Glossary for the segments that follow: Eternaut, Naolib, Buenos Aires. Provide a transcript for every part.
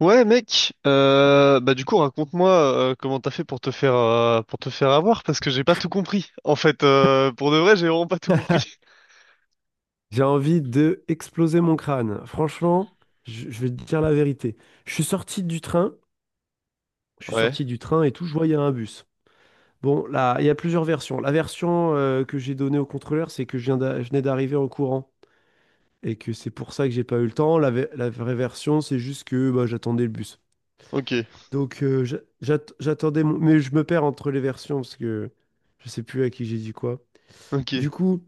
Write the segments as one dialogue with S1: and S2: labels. S1: Ouais mec, bah du coup raconte-moi comment t'as fait pour te faire avoir parce que j'ai pas tout compris. En fait, pour de vrai, j'ai vraiment pas tout compris.
S2: J'ai envie de exploser mon crâne. Franchement, je vais te dire la vérité. Je suis sorti du train,
S1: Ouais.
S2: et tout, je vois, il y a un bus. Bon, là, il y a plusieurs versions. La version que j'ai donnée au contrôleur, c'est que je venais d'arriver en courant et que c'est pour ça que j'ai pas eu le temps. La vraie version, c'est juste que bah, j'attendais le bus.
S1: Ok.
S2: Donc, j'attendais mon. Mais je me perds entre les versions parce que je sais plus à qui j'ai dit quoi. Du
S1: Ok.
S2: coup,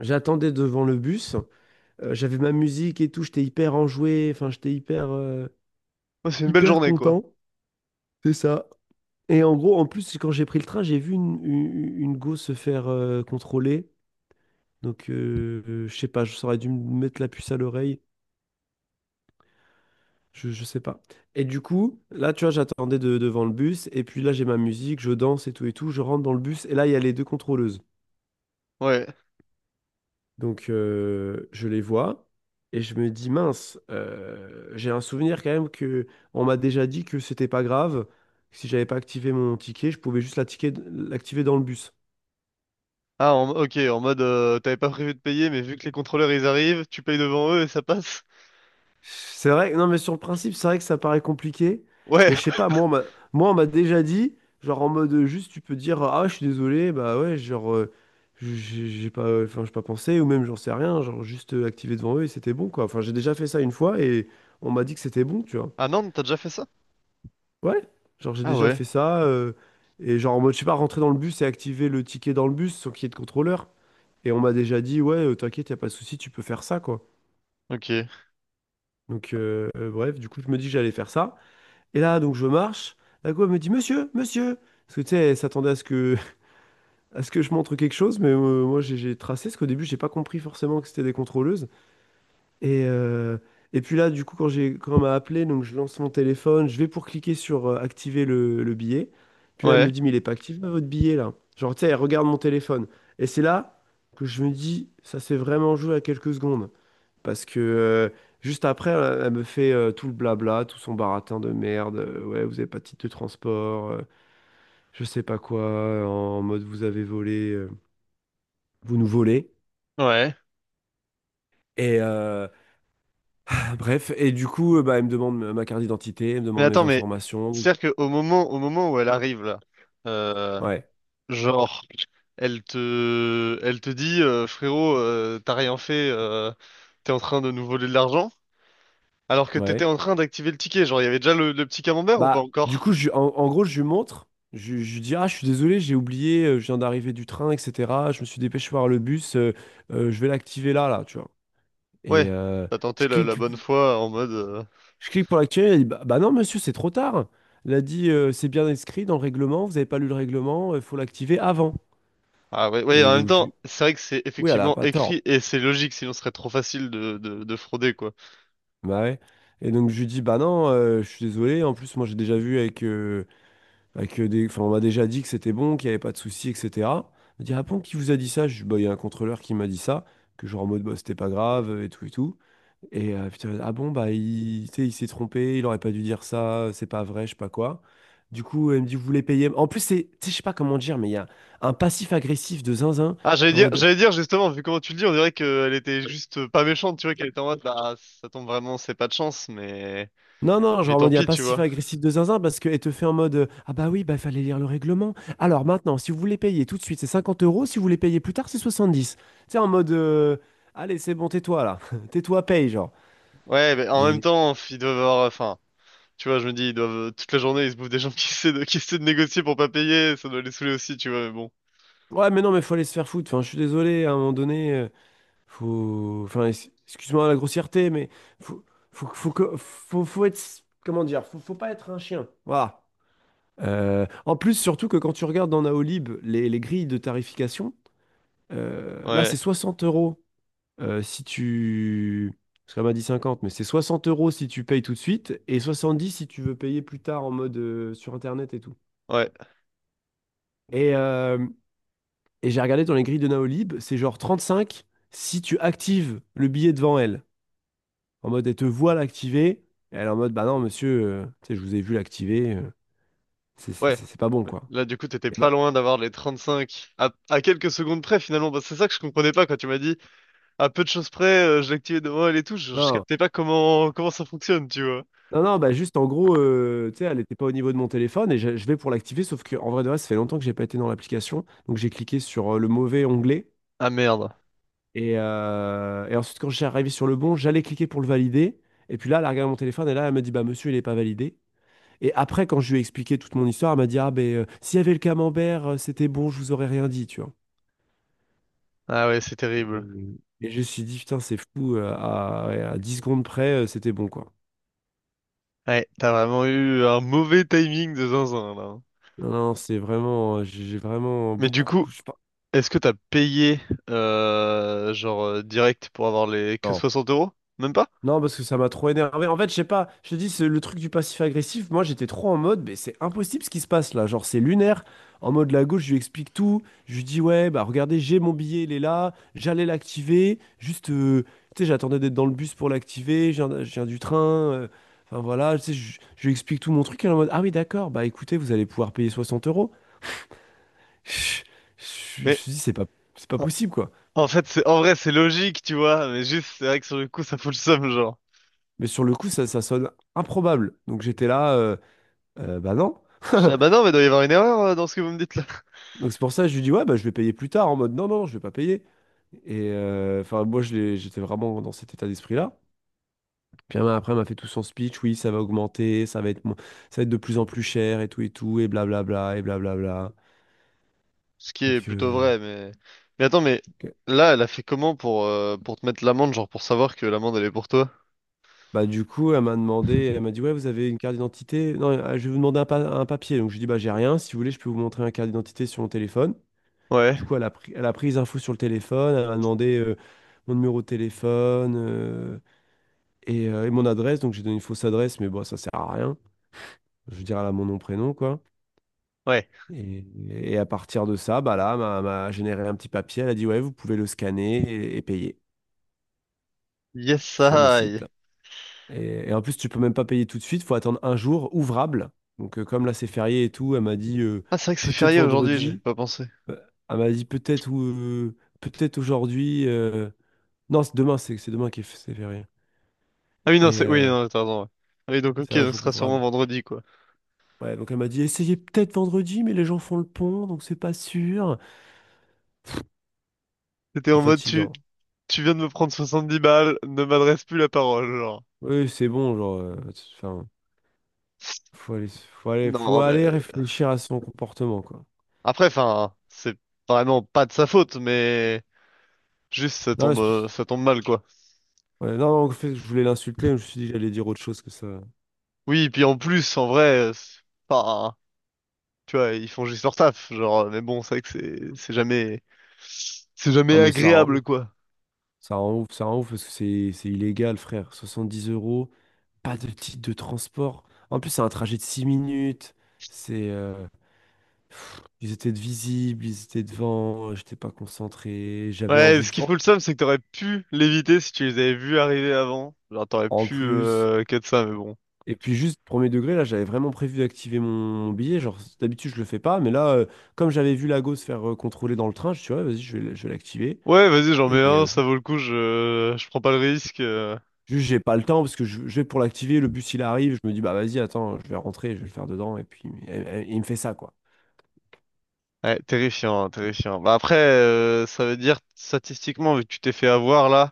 S2: j'attendais devant le bus. J'avais ma musique et tout, j'étais hyper enjoué, enfin j'étais
S1: Ouais, c'est une belle
S2: hyper
S1: journée quoi.
S2: content, c'est ça. Et en gros, en plus, quand j'ai pris le train, j'ai vu une go se faire contrôler. Donc, je sais pas, j'aurais dû me mettre la puce à l'oreille, je sais pas. Et du coup, là, tu vois, j'attendais devant le bus, et puis là, j'ai ma musique, je danse et tout, je rentre dans le bus, et là, il y a les deux contrôleuses.
S1: Ouais.
S2: Donc, je les vois et je me dis, mince, j'ai un souvenir quand même que on m'a déjà dit que c'était pas grave, que si j'avais pas activé mon ticket, je pouvais juste l'activer dans le bus.
S1: Ok en mode t'avais pas prévu de payer mais vu que les contrôleurs ils arrivent, tu payes devant eux et ça passe.
S2: C'est vrai, non, mais sur le principe, c'est vrai que ça paraît compliqué,
S1: Ouais.
S2: mais je sais pas, moi, on m'a déjà dit, genre en mode juste, tu peux dire, ah, je suis désolé, bah ouais, genre, j'ai pas, enfin, j'ai pas pensé, ou même j'en sais rien, genre juste activer devant eux et c'était bon, quoi. Enfin, j'ai déjà fait ça une fois et on m'a dit que c'était bon, tu vois.
S1: Ah non, t'as déjà fait ça?
S2: Ouais, genre j'ai
S1: Ah
S2: déjà
S1: ouais.
S2: fait ça, et genre en mode, je sais pas, rentrer dans le bus et activer le ticket dans le bus sans qu'il y ait de contrôleur. Et on m'a déjà dit, ouais, t'inquiète, y a pas de souci, tu peux faire ça, quoi.
S1: Ok.
S2: Donc, bref, du coup, je me dis que j'allais faire ça. Et là, donc, je marche. La go, elle me dit, monsieur, monsieur. Parce que, tu sais, elle s'attendait à ce que, à ce que je montre quelque chose, mais moi, j'ai tracé, parce qu'au début, j'ai pas compris forcément que c'était des contrôleuses. Et, euh, et puis là, du coup, quand on m'a appelé, donc je lance mon téléphone, je vais pour cliquer sur activer le billet. Puis là, elle me
S1: Ouais.
S2: dit, mais il est pas activé votre billet là. Genre, tu sais, elle regarde mon téléphone. Et c'est là que je me dis, ça s'est vraiment joué à quelques secondes. Parce que juste après, elle, elle me fait tout le blabla, tout son baratin de merde. Ouais, vous avez pas de titre de transport, je sais pas quoi, en mode vous avez volé, vous nous volez.
S1: Ouais.
S2: Et, euh, Bref, et du coup, bah, elle me demande ma carte d'identité, elle me
S1: Mais
S2: demande mes
S1: attends, mais
S2: informations.
S1: c'est-à-dire que au moment où elle arrive là, euh,
S2: Ouais,
S1: genre elle te, elle te dit, frérot, t'as rien fait, t'es en train de nous voler de l'argent, alors que t'étais
S2: ouais.
S1: en train d'activer le ticket. Genre, il y avait déjà le petit camembert ou pas
S2: Bah, du
S1: encore?
S2: coup, en gros, je lui montre, je lui dis, ah, je suis désolé, j'ai oublié, je viens d'arriver du train, etc. Je me suis dépêché par le bus, je vais l'activer là, tu vois. Et
S1: Ouais, t'as
S2: je
S1: tenté la, la
S2: clique,
S1: bonne foi en mode.
S2: je clique pour l'activer, elle dit, bah non, monsieur, c'est trop tard. Elle a dit, c'est bien inscrit dans le règlement, vous n'avez pas lu le règlement, il faut l'activer avant.
S1: Ah ouais, ouais,
S2: Et
S1: en même
S2: donc,
S1: temps, c'est vrai que c'est
S2: oui, elle a
S1: effectivement
S2: pas tort.
S1: écrit et c'est logique, sinon ce serait trop facile de frauder, quoi.
S2: Bah ouais. Et donc je lui dis, bah non, je suis désolé, en plus moi j'ai déjà vu avec des. Enfin, on m'a déjà dit que c'était bon, qu'il n'y avait pas de souci, etc. On m'a dit, ah bon, qui vous a dit ça? Je dis, bah, il y a un contrôleur qui m'a dit ça, que genre en mode, bah, c'était pas grave, et tout, et tout. Et putain, ah bon, bah, il, tu sais, il s'est trompé, il aurait pas dû dire ça, c'est pas vrai, je sais pas quoi. Du coup, elle me dit, vous voulez payer. En plus, c'est, tu sais, je sais pas comment dire, mais il y a un passif agressif de zinzin,
S1: Ah,
S2: genre en mode,
S1: j'allais dire justement, vu comment tu le dis, on dirait qu'elle était juste pas méchante, tu vois, qu'elle était en mode, bah, ça tombe vraiment, c'est pas de chance,
S2: non, non,
S1: mais
S2: genre en
S1: tant
S2: mode, il n'y a
S1: pis,
S2: pas
S1: tu
S2: si fait
S1: vois.
S2: agressif de zinzin parce qu'elle te fait en mode, ah bah oui, bah il fallait lire le règlement. Alors maintenant, si vous voulez payer tout de suite, c'est 50 euros. Si vous voulez payer plus tard, c'est 70. Tu sais, en mode, allez, c'est bon, tais-toi là. Tais-toi, paye, genre.
S1: Ouais, mais en même
S2: Et
S1: temps, ils doivent avoir, enfin. Tu vois, je me dis, ils doivent, toute la journée, ils se bouffent des gens qui essaient de négocier pour pas payer, ça doit les saouler aussi, tu vois, mais bon.
S2: ouais, mais non, mais faut aller se faire foutre. Enfin, je suis désolé, à un moment donné, faut. Enfin, excuse-moi la grossièreté, mais faut, faut être. Comment dire? Faut, faut pas être un chien. Voilà. En plus, surtout que quand tu regardes dans Naolib les grilles de tarification, là, c'est
S1: Ouais,
S2: 60 euros si tu. Parce qu'elle m'a dit 50, mais c'est 60 euros si tu payes tout de suite et 70 si tu veux payer plus tard en mode sur Internet et tout.
S1: ouais,
S2: Et, euh, et j'ai regardé dans les grilles de Naolib, c'est genre 35 si tu actives le billet devant elle. En mode, elle te voit l'activer. Et elle est en mode, bah non, monsieur, tu sais, je vous ai vu l'activer.
S1: ouais.
S2: C'est pas bon,
S1: Ouais.
S2: quoi.
S1: Là, du coup, t'étais
S2: Et
S1: pas
S2: bah,
S1: loin d'avoir les 35 à quelques secondes près, finalement. Parce que c'est ça que je comprenais pas quand tu m'as dit, à peu de choses près, je l'activais devant elle et tout. Je
S2: non.
S1: captais pas comment, comment ça fonctionne, tu vois.
S2: Non, non, bah juste en gros, tu sais, elle n'était pas au niveau de mon téléphone et je vais pour l'activer, sauf que en vrai de vrai, ça fait longtemps que j'ai pas été dans l'application. Donc j'ai cliqué sur le mauvais onglet
S1: Ah merde.
S2: et ensuite quand j'ai arrivé sur le bon, j'allais cliquer pour le valider. Et puis là, elle a regardé mon téléphone et là, elle me dit, bah monsieur, il n'est pas validé. Et après, quand je lui ai expliqué toute mon histoire, elle m'a dit, ah ben s'il y avait le camembert, c'était bon, je vous aurais rien dit, tu vois.
S1: Ah ouais, c'est
S2: Et,
S1: terrible.
S2: et je me suis dit, putain, c'est fou, ouais, à 10 secondes près, c'était bon, quoi.
S1: Ouais, t'as vraiment eu un mauvais timing de zinzin, là.
S2: Non, non, c'est vraiment, j'ai vraiment
S1: Mais du
S2: beaucoup.
S1: coup,
S2: Je sais pas.
S1: est-ce que t'as payé genre direct pour avoir les que 60 euros? Même pas?
S2: Non, parce que ça m'a trop énervé. En fait, je sais pas, je te dis, c'est le truc du passif agressif. Moi, j'étais trop en mode, mais c'est impossible ce qui se passe là. Genre, c'est lunaire. En mode, la gauche, je lui explique tout. Je lui dis, ouais, bah regardez, j'ai mon billet, il est là. J'allais l'activer. Juste, tu sais, j'attendais d'être dans le bus pour l'activer. Je viens du train. euh, Enfin, voilà, tu sais, je lui explique tout mon truc. Elle est en mode, ah oui, d'accord, bah écoutez, vous allez pouvoir payer 60 euros. Je je je me
S1: Mais
S2: suis dit, c'est pas
S1: en,
S2: possible, quoi.
S1: en fait c'est en vrai c'est logique tu vois, mais juste c'est vrai que sur le coup ça fout le seum genre.
S2: Mais sur le coup, ça sonne improbable. Donc, j'étais là, bah non.
S1: Je dis, ah bah non mais il doit y avoir une erreur dans ce que vous me dites là.
S2: Donc c'est pour ça que je lui dis, ouais, bah, je vais payer plus tard, en mode, non, non, je vais pas payer. Et enfin, moi, j'étais vraiment dans cet état d'esprit-là. Puis après, elle m'a fait tout son speech, oui, ça va augmenter, ça va être de plus en plus cher, et tout, et tout, et blablabla, et blablabla.
S1: Ce qui est
S2: Donc,
S1: plutôt vrai, mais… Mais attends, mais
S2: ok.
S1: là, elle a fait comment pour te mettre l'amende, genre pour savoir que l'amende, elle est pour toi?
S2: Bah, du coup, elle m'a dit, ouais, vous avez une carte d'identité? Non, je vais vous demander un papier. Donc, je lui dis, bah, j'ai rien, si vous voulez, je peux vous montrer un carte d'identité sur mon téléphone.
S1: Ouais,
S2: Du coup, elle a pris les infos sur le téléphone, elle m'a demandé mon numéro de téléphone. Et mon adresse, donc j'ai donné une fausse adresse, mais bon, ça sert à rien. Je veux dire, elle a mon nom, prénom, quoi.
S1: ouais.
S2: Et à partir de ça, bah là, m'a généré un petit papier. Elle a dit, ouais, vous pouvez le scanner et payer
S1: Yes,
S2: sur le site.
S1: I.
S2: Et en plus, tu peux même pas payer tout de suite, faut attendre un jour ouvrable. Donc, comme là, c'est férié et tout, elle m'a dit,
S1: Ah, c'est vrai que c'est
S2: peut-être
S1: férié aujourd'hui, j'ai
S2: vendredi.
S1: pas pensé.
S2: Euh, Elle m'a dit, peut-être ou peut-être aujourd'hui. Non, c'est demain, c'est demain qui est c'est férié.
S1: Ah oui, non,
S2: Et
S1: c'est… Oui, non, t'as raison, ouais. Ah oui, donc ok,
S2: c'est un
S1: donc ce
S2: jour
S1: sera sûrement
S2: ouvrable.
S1: vendredi, quoi.
S2: Ouais, donc elle m'a dit, essayez peut-être vendredi, mais les gens font le pont, donc c'est pas sûr.
S1: C'était
S2: C'est
S1: en mode, tu…
S2: fatigant.
S1: tu viens de me prendre 70 balles, ne m'adresse plus la parole, genre.
S2: Oui, c'est bon, genre, enfin, faut aller, faut aller, faut
S1: Non,
S2: aller
S1: mais…
S2: réfléchir à son comportement, quoi.
S1: Après, enfin, c'est vraiment pas de sa faute, mais… Juste,
S2: Non, c'est-
S1: ça tombe mal, quoi.
S2: ouais, non, en fait, je voulais l'insulter, mais je me suis dit que j'allais dire autre chose que ça.
S1: Oui, et puis en plus, en vrai, c'est pas… tu vois, ils font juste leur taf, genre, mais bon, c'est vrai que c'est jamais c'est jamais
S2: Non, mais ça rend
S1: agréable,
S2: ouf,
S1: quoi.
S2: ça rend ouf, ça rend ouf, parce que c'est illégal, frère. 70 euros, pas de titre de transport. En plus, c'est un trajet de 6 minutes. C'est, pff, ils étaient de visibles, ils étaient devant, j'étais pas concentré, j'avais
S1: Ouais,
S2: envie
S1: ce
S2: de…
S1: qui fout le seum, c'est que t'aurais pu l'éviter si tu les avais vus arriver avant. Genre, t'aurais
S2: En
S1: pu
S2: plus.
S1: cut ça, mais bon.
S2: Et puis juste premier degré, là, j'avais vraiment prévu d'activer mon billet. Genre, d'habitude, je le fais pas, mais là, comme j'avais vu Lago se faire contrôler dans le train, je suis ouais, vas-y, je vais, je vais l'activer.
S1: Ouais, vas-y, j'en
S2: Et
S1: mets un, ça vaut le coup, je prends pas le risque.
S2: juste, j'ai pas le temps parce que je vais pour l'activer, le bus il arrive, je me dis bah vas-y, attends, je vais rentrer, je vais le faire dedans, et puis il me fait ça quoi.
S1: Ouais, terrifiant, hein, terrifiant. Bah après, ça veut dire, statistiquement, vu que tu t'es fait avoir, là,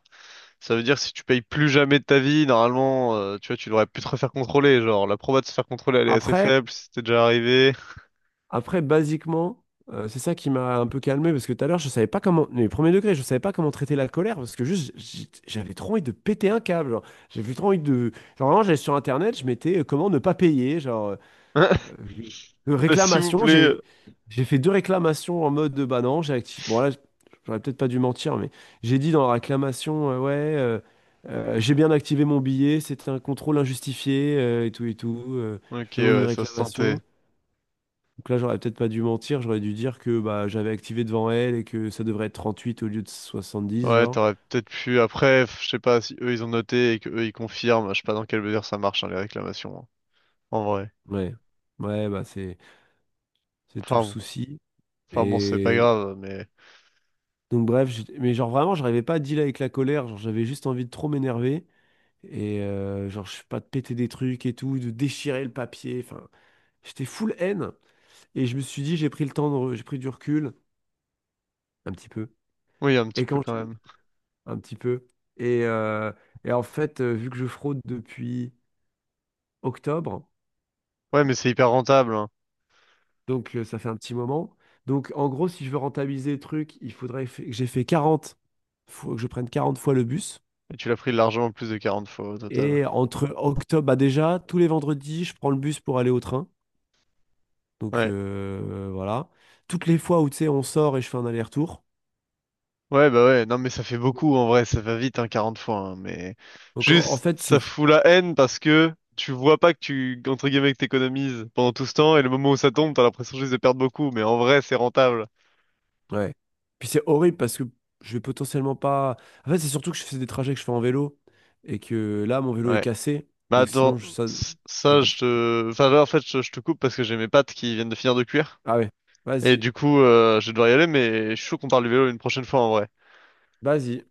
S1: ça veut dire si tu payes plus jamais de ta vie, normalement, tu vois, tu devrais plus te refaire contrôler. Genre, la proba de se faire contrôler, elle est assez
S2: Après,
S1: faible, si c'était déjà arrivé.
S2: Après, basiquement, c'est ça qui m'a un peu calmé parce que tout à l'heure, je savais pas comment, les premiers degrés, je savais pas comment traiter la colère parce que juste, j'avais trop envie de péter un câble, genre. J'avais trop envie de. Genre, vraiment, j'allais sur Internet, je mettais comment ne pas payer, genre,
S1: S'il vous
S2: réclamation.
S1: plaît.
S2: J'ai fait deux réclamations en mode de bah non, j'ai activé. Bon, là, j'aurais peut-être pas dû mentir, mais j'ai dit dans la réclamation, ouais, j'ai bien activé mon billet, c'était un contrôle injustifié et tout et tout.
S1: Ok,
S2: Je demande une
S1: ouais, ça se sentait.
S2: réclamation. Donc là, j'aurais peut-être pas dû mentir, j'aurais dû dire que bah, j'avais activé devant elle et que ça devrait être 38 au lieu de 70,
S1: Ouais,
S2: genre.
S1: t'aurais peut-être pu. Après, je sais pas si eux ils ont noté et que eux ils confirment. Je sais pas dans quelle mesure ça marche, hein, les réclamations. Hein, en vrai.
S2: Ouais, ouais, bah c'est tout le
S1: Enfin bon.
S2: souci.
S1: Enfin bon, c'est pas
S2: Et
S1: grave, mais.
S2: donc bref, mais genre vraiment, j'arrivais pas à dealer avec la colère, genre j'avais juste envie de trop m'énerver et genre je sais pas de péter des trucs et tout, de déchirer le papier, enfin, j'étais full haine et je me suis dit j'ai pris le temps de j'ai pris du recul un petit peu.
S1: Oui, un petit
S2: Et
S1: peu
S2: quand
S1: quand
S2: j'ai
S1: même.
S2: un petit peu et euh, et en fait, vu que je fraude depuis octobre.
S1: Ouais, mais c'est hyper rentable, hein.
S2: Donc, ça fait un petit moment. Donc, en gros, si je veux rentabiliser le truc, il faudrait fa- que j'ai fait 40 faut que je prenne 40 fois le bus.
S1: Et tu l'as pris largement plus de 40 fois au total.
S2: Et entre octobre, bah déjà, tous les vendredis, je prends le bus pour aller au train. Donc,
S1: Ouais.
S2: voilà. Toutes les fois où, tu sais, on sort et je fais un aller-retour.
S1: Ouais, bah ouais. Non, mais ça fait beaucoup en vrai. Ça va vite, hein, 40 fois. Hein, mais.
S2: Donc, en
S1: Juste,
S2: fait,
S1: ça
S2: c'est…
S1: fout la haine parce que. Tu vois pas que tu, entre guillemets, que t'économises pendant tout ce temps, et le moment où ça tombe, t'as l'impression juste de perdre beaucoup, mais en vrai, c'est rentable.
S2: Ouais. Puis c'est horrible parce que je vais potentiellement pas… En fait, c'est surtout que je fais des trajets que je fais en vélo et que là, mon vélo est
S1: Ouais.
S2: cassé.
S1: Mais
S2: Donc, sinon,
S1: attends,
S2: ça… ça
S1: ça,
S2: dev-
S1: je te… Enfin, là, en fait, je te coupe parce que j'ai mes pattes qui viennent de finir de cuire.
S2: Ah ouais.
S1: Et
S2: Vas-y.
S1: du coup, je vais devoir y aller, mais je suis chaud qu'on parle du vélo une prochaine fois, en vrai.
S2: Vas-y.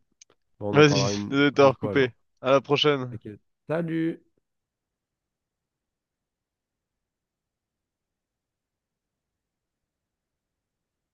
S2: Bon, on en
S1: Vas-y,
S2: parlera une
S1: désolé de
S2: prochaine
S1: t'avoir
S2: fois alors.
S1: coupé. À la prochaine.
S2: Ok. Salut!